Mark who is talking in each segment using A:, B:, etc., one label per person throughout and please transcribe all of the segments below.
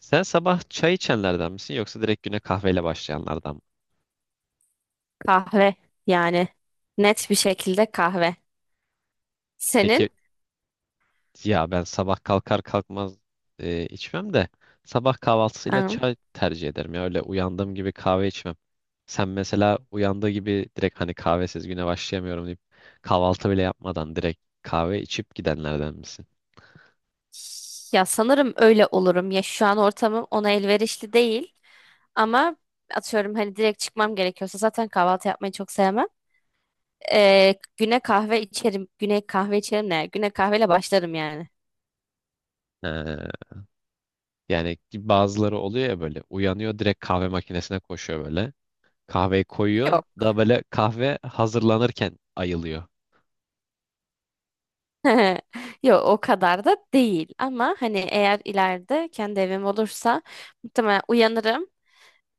A: Sen sabah çay içenlerden misin yoksa direkt güne kahveyle başlayanlardan mı?
B: Kahve yani net bir şekilde kahve. Senin?
A: Peki. Ya ben sabah kalkar kalkmaz içmem de, sabah kahvaltısıyla
B: Hı.
A: çay tercih ederim, ya öyle uyandığım gibi kahve içmem. Sen mesela uyandığı gibi direkt hani kahvesiz güne başlayamıyorum deyip kahvaltı bile yapmadan direkt kahve içip gidenlerden misin?
B: Ya sanırım öyle olurum. Ya şu an ortamım ona elverişli değil ama atıyorum hani direkt çıkmam gerekiyorsa zaten kahvaltı yapmayı çok sevmem. Güne kahve içerim. Güne kahve içerim ne? Güne kahveyle başlarım yani.
A: He. Yani bazıları oluyor ya, böyle uyanıyor, direkt kahve makinesine koşuyor böyle. Kahveyi koyuyor
B: Yok.
A: da böyle kahve hazırlanırken ayılıyor.
B: Yok o kadar da değil ama hani eğer ileride kendi evim olursa muhtemelen uyanırım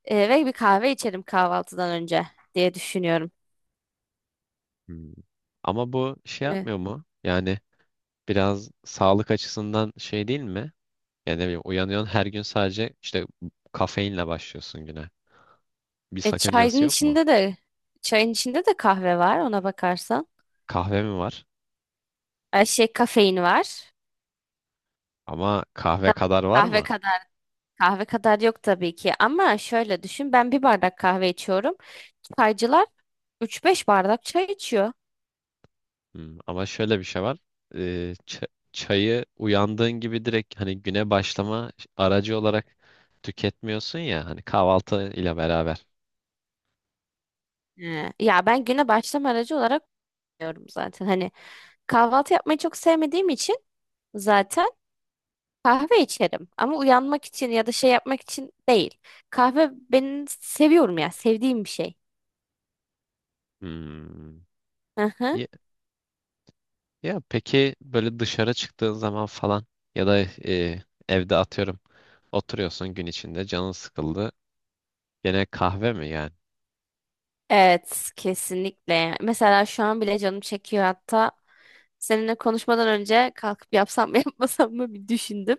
B: ve bir kahve içerim kahvaltıdan önce diye düşünüyorum.
A: Hmm. Ama bu şey yapmıyor mu? Yani biraz sağlık açısından şey değil mi? Yani ne bileyim, uyanıyorsun her gün sadece işte kafeinle başlıyorsun güne. Bir
B: E, çayın
A: sakıncası yok mu?
B: içinde de çayın içinde de kahve var ona bakarsan.
A: Kahve mi var?
B: Ay şey kafein var.
A: Ama kahve
B: Tabii
A: kadar
B: ki
A: var
B: kahve
A: mı?
B: kadar kahve kadar yok tabii ki ama şöyle düşün ben bir bardak kahve içiyorum. Çaycılar 3-5 bardak çay içiyor.
A: Hmm, ama şöyle bir şey var. Çayı uyandığın gibi direkt hani güne başlama aracı olarak tüketmiyorsun ya hani, kahvaltı ile beraber.
B: He. Ya ben güne başlama aracı olarak diyorum zaten. Hani kahvaltı yapmayı çok sevmediğim için zaten kahve içerim ama uyanmak için ya da şey yapmak için değil. Kahve ben seviyorum ya sevdiğim bir şey.
A: Hmm. Ya, ya peki böyle dışarı çıktığın zaman falan ya da evde atıyorum oturuyorsun, gün içinde canın sıkıldı. Gene kahve mi yani?
B: Evet, kesinlikle. Mesela şu an bile canım çekiyor hatta. Seninle konuşmadan önce kalkıp yapsam mı yapmasam mı bir düşündüm.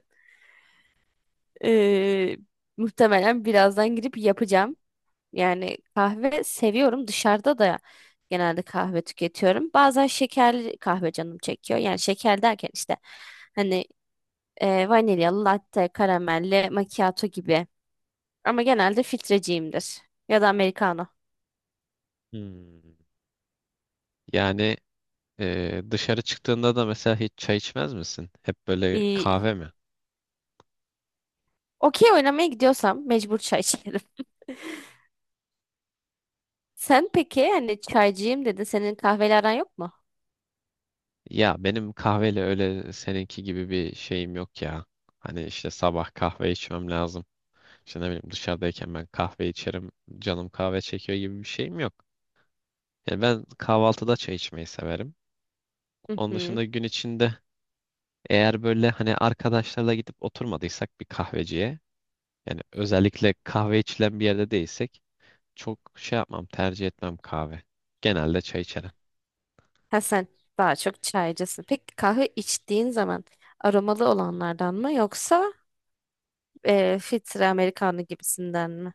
B: Ee, muhtemelen birazdan girip yapacağım. Yani kahve seviyorum. Dışarıda da genelde kahve tüketiyorum. Bazen şekerli kahve canım çekiyor. Yani şeker derken işte hani vanilyalı, latte, karamelli, macchiato gibi. Ama genelde filtreciyimdir. Ya da americano.
A: Hmm. Yani dışarı çıktığında da mesela hiç çay içmez misin? Hep böyle kahve mi?
B: Okey oynamaya gidiyorsam mecbur çay içerim. Sen peki hani çaycıyım dedin. Senin kahveyle aran yok mu?
A: Ya benim kahveyle öyle seninki gibi bir şeyim yok ya. Hani işte sabah kahve içmem lazım. İşte ne bileyim, dışarıdayken ben kahve içerim. Canım kahve çekiyor gibi bir şeyim yok. Yani ben kahvaltıda çay içmeyi severim.
B: Hı
A: Onun
B: hı.
A: dışında gün içinde, eğer böyle hani arkadaşlarla gidip oturmadıysak bir kahveciye. Yani özellikle kahve içilen bir yerde değilsek çok şey yapmam, tercih etmem kahve. Genelde çay içerim.
B: Ha sen daha çok çaycısın. Peki kahve içtiğin zaman aromalı olanlardan mı yoksa filtre Amerikanlı gibisinden mi?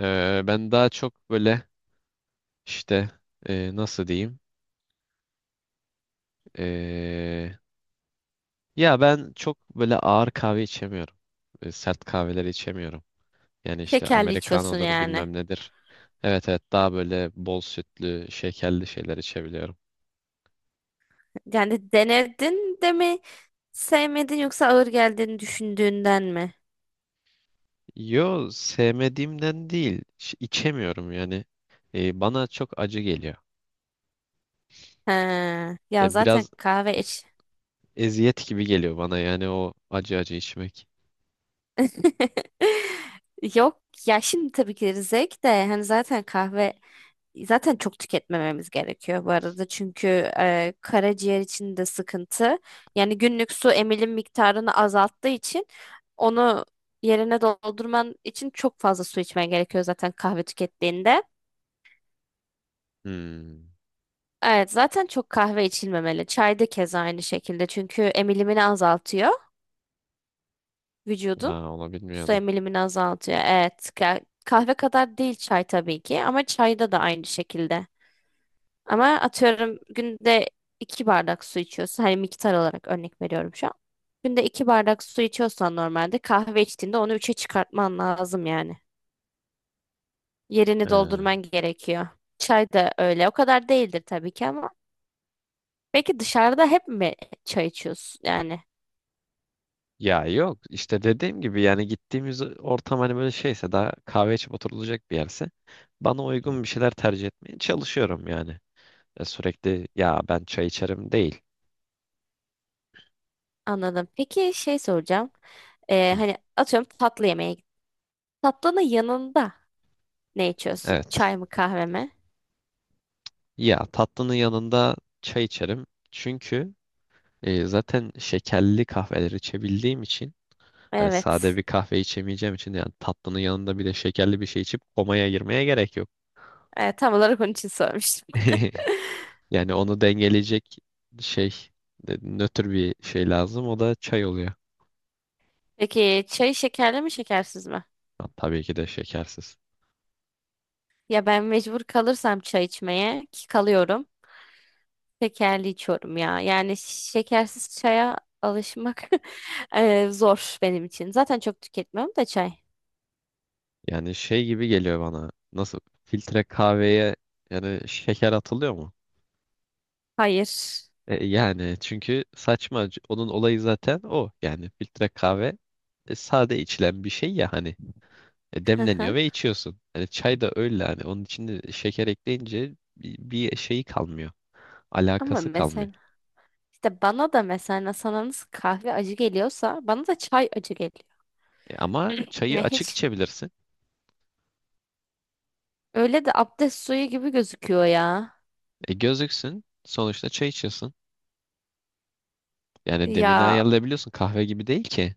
A: Ben daha çok böyle işte, nasıl diyeyim? Ee, Ya ben çok böyle ağır kahve içemiyorum. Sert kahveler içemiyorum. Yani işte
B: Şekerli içiyorsun
A: Amerikanodur,
B: yani.
A: bilmem nedir. Evet, evet, daha böyle bol sütlü, şekerli şeyler içebiliyorum.
B: Yani denedin de mi sevmedin yoksa ağır geldiğini düşündüğünden mi?
A: Yo, sevmediğimden değil. İçemiyorum yani. Bana çok acı geliyor.
B: He. Ya zaten
A: Biraz
B: kahve
A: e-
B: iç.
A: eziyet gibi geliyor bana, yani o acı acı içmek.
B: Yok ya şimdi tabii ki zevk de hani zaten kahve zaten çok tüketmememiz gerekiyor bu arada çünkü karaciğer için de sıkıntı. Yani günlük su emilim miktarını azalttığı için onu yerine doldurman için çok fazla su içmen gerekiyor zaten kahve tükettiğinde.
A: Hmm.
B: Evet zaten çok kahve içilmemeli. Çay da keza aynı şekilde çünkü emilimini azaltıyor vücudun.
A: Ha, onu
B: Su
A: bilmiyordum.
B: emilimini azaltıyor. Evet. Kahve kadar değil çay tabii ki ama çayda da aynı şekilde. Ama atıyorum günde iki bardak su içiyorsun. Hani miktar olarak örnek veriyorum şu an. Günde iki bardak su içiyorsan normalde kahve içtiğinde onu üçe çıkartman lazım yani. Yerini
A: Ee,
B: doldurman gerekiyor. Çay da öyle. O kadar değildir tabii ki ama. Peki dışarıda hep mi çay içiyorsun? Yani
A: Ya yok, işte dediğim gibi, yani gittiğimiz ortam hani böyle şeyse, daha kahve içip oturulacak bir yerse, bana uygun bir şeyler tercih etmeye çalışıyorum yani. Sürekli ya ben çay içerim değil.
B: anladım. Peki şey soracağım.
A: Hı,
B: Hani atıyorum tatlı yemeğe gittin. Tatlının yanında ne içiyorsun?
A: evet.
B: Çay mı kahve mi?
A: Ya tatlının yanında çay içerim. Çünkü zaten şekerli kahveler içebildiğim için, hani sade
B: Evet.
A: bir kahve içemeyeceğim için, yani tatlının yanında bir de şekerli bir şey içip komaya girmeye gerek yok.
B: E, tam olarak onun için sormuştum.
A: Yani onu dengeleyecek şey, nötr bir şey lazım. O da çay oluyor.
B: Peki çay şekerli mi şekersiz mi?
A: Ha, tabii ki de şekersiz.
B: Ya ben mecbur kalırsam çay içmeye ki kalıyorum. Şekerli içiyorum ya. Yani şekersiz çaya alışmak zor benim için. Zaten çok tüketmiyorum da çay.
A: Yani şey gibi geliyor bana. Nasıl, filtre kahveye yani şeker atılıyor mu?
B: Hayır.
A: Yani çünkü saçma. Onun olayı zaten o. Yani filtre kahve sade içilen bir şey ya hani.
B: Hı
A: Demleniyor
B: hı.
A: ve içiyorsun. Hani çay da öyle, hani onun içinde şeker ekleyince bir şeyi kalmıyor.
B: Ama
A: Alakası kalmıyor.
B: mesela işte bana da mesela sana nasıl kahve acı geliyorsa bana da çay acı geliyor.
A: Ama çayı
B: Ya
A: açık
B: hiç
A: içebilirsin.
B: öyle de abdest suyu gibi gözüküyor ya.
A: Gözüksün. Sonuçta çay içiyorsun. Yani demini
B: Ya
A: ayarlayabiliyorsun. Kahve gibi değil ki.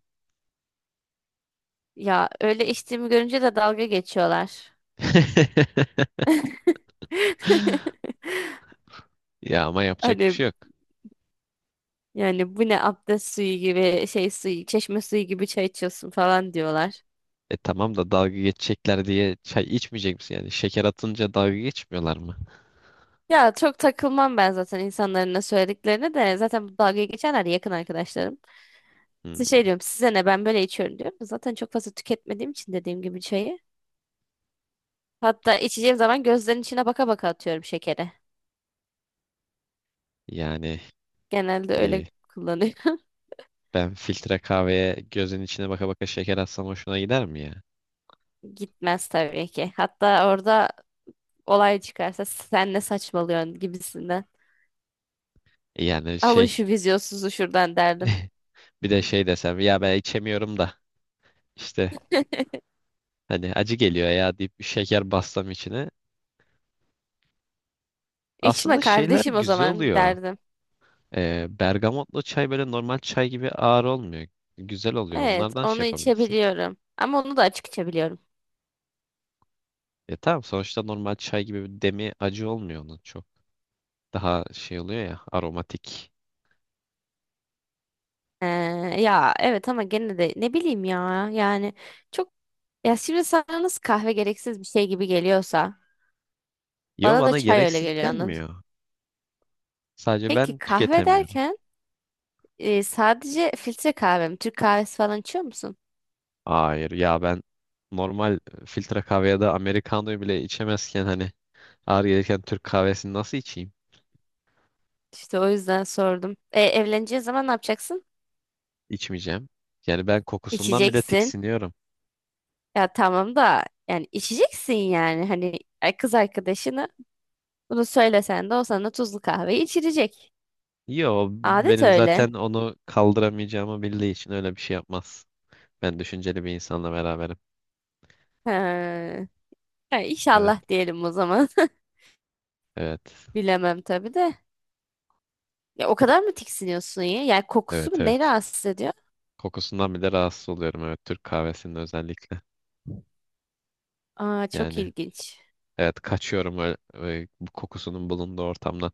B: Ya öyle içtiğimi görünce de dalga geçiyorlar.
A: Ya ama yapacak bir
B: Hani
A: şey yok.
B: yani bu ne abdest suyu gibi şey suyu çeşme suyu gibi çay içiyorsun falan diyorlar.
A: E tamam da, dalga geçecekler diye çay içmeyecek misin? Yani şeker atınca dalga geçmiyorlar mı?
B: Ya çok takılmam ben zaten insanların ne söylediklerine de zaten bu dalga geçenler de yakın arkadaşlarım.
A: Hmm,
B: Size şey diyorum size ne ben böyle içiyorum diyorum. Zaten çok fazla tüketmediğim için dediğim gibi çayı. Hatta içeceğim zaman gözlerin içine baka baka atıyorum şekeri.
A: yani
B: Genelde öyle
A: e,
B: kullanıyorum.
A: ben filtre kahveye gözün içine baka baka şeker atsam hoşuna gider mi ya?
B: Gitmez tabii ki. Hatta orada olay çıkarsa sen ne saçmalıyorsun gibisinden.
A: Yani
B: Alın
A: şey.
B: şu vizyonsuzu şuradan derdim.
A: Bir de şey desem, ya ben içemiyorum da işte, hani acı geliyor ya deyip bir şeker bassam içine.
B: İçme
A: Aslında şeyler
B: kardeşim o
A: güzel
B: zaman
A: oluyor.
B: derdim.
A: Bergamotlu çay böyle normal çay gibi ağır olmuyor. Güzel oluyor.
B: Evet
A: Onlardan şey
B: onu
A: yapabilirsin.
B: içebiliyorum. Ama onu da açık içebiliyorum.
A: E tamam, sonuçta normal çay gibi bir demi acı olmuyor onun çok. Daha şey oluyor ya, aromatik.
B: Ee, ya evet ama gene de ne bileyim ya. Yani çok ya şimdi sana nasıl kahve gereksiz bir şey gibi geliyorsa
A: Yo,
B: bana da
A: bana
B: çay öyle
A: gereksiz
B: geliyor anladın.
A: gelmiyor. Sadece
B: Peki
A: ben
B: kahve
A: tüketemiyorum.
B: derken sadece filtre kahve mi? Türk kahvesi falan içiyor musun?
A: Hayır ya, ben normal filtre kahveye de Amerikano'yu bile içemezken hani, ağır gelirken Türk kahvesini nasıl içeyim?
B: İşte o yüzden sordum. Evleneceğin zaman ne yapacaksın?
A: İçmeyeceğim. Yani ben kokusundan bile
B: İçeceksin.
A: tiksiniyorum.
B: Ya tamam da yani içeceksin yani hani kız arkadaşını bunu söylesen de o sana tuzlu kahve içirecek.
A: Yo,
B: Adet
A: benim
B: öyle.
A: zaten onu kaldıramayacağımı bildiği için öyle bir şey yapmaz. Ben düşünceli bir insanla beraberim.
B: Ha. Ha,
A: Evet,
B: inşallah diyelim o zaman.
A: evet,
B: Bilemem tabii de. Ya o kadar mı tiksiniyorsun ya? Yani kokusu
A: evet,
B: mu ne
A: evet.
B: rahatsız ediyor?
A: Kokusundan bile rahatsız oluyorum, evet, Türk kahvesinin özellikle.
B: Aa çok
A: Yani
B: ilginç.
A: evet, kaçıyorum öyle, öyle bu kokusunun bulunduğu ortamdan.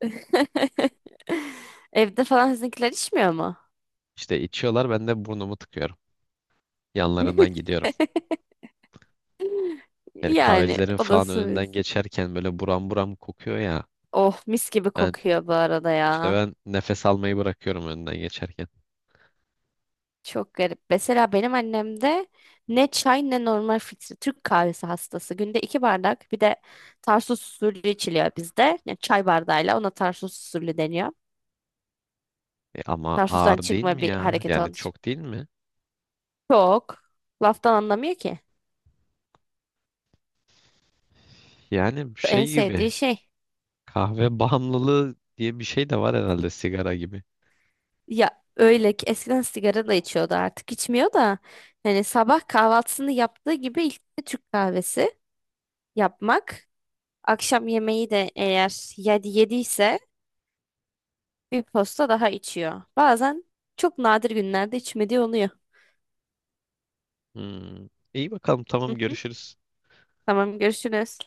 B: Evde falan sizinkiler içmiyor mu?
A: İşte içiyorlar, ben de burnumu tıkıyorum. Yanlarından gidiyorum. Yani
B: Yani
A: kahvecilerin falan
B: olasıyız.
A: önünden geçerken böyle buram buram kokuyor ya.
B: Oh mis gibi
A: Ben,
B: kokuyor bu arada
A: İşte
B: ya.
A: ben nefes almayı bırakıyorum önden geçerken.
B: Çok garip. Mesela benim annem de ne çay ne normal filtre Türk kahvesi hastası. Günde iki bardak bir de Tarsus usulü içiliyor bizde. Yani çay bardağıyla ona Tarsus usulü deniyor.
A: E ama
B: Tarsus'tan
A: ağır değil
B: çıkma
A: mi
B: bir
A: ya?
B: hareket olduğu
A: Yani
B: için.
A: çok değil mi?
B: Çok. Laftan anlamıyor ki.
A: Yani
B: En
A: şey
B: sevdiği
A: gibi,
B: şey.
A: kahve bağımlılığı diye bir şey de var herhalde, sigara gibi.
B: Ya öyle ki eskiden sigara da içiyordu artık içmiyor da. Hani sabah kahvaltısını yaptığı gibi ilk de Türk kahvesi yapmak. Akşam yemeği de eğer yedi yediyse bir posta daha içiyor. Bazen çok nadir günlerde içmediği oluyor.
A: Hmm. İyi bakalım, tamam,
B: Hı hı.
A: görüşürüz.
B: Tamam görüşürüz.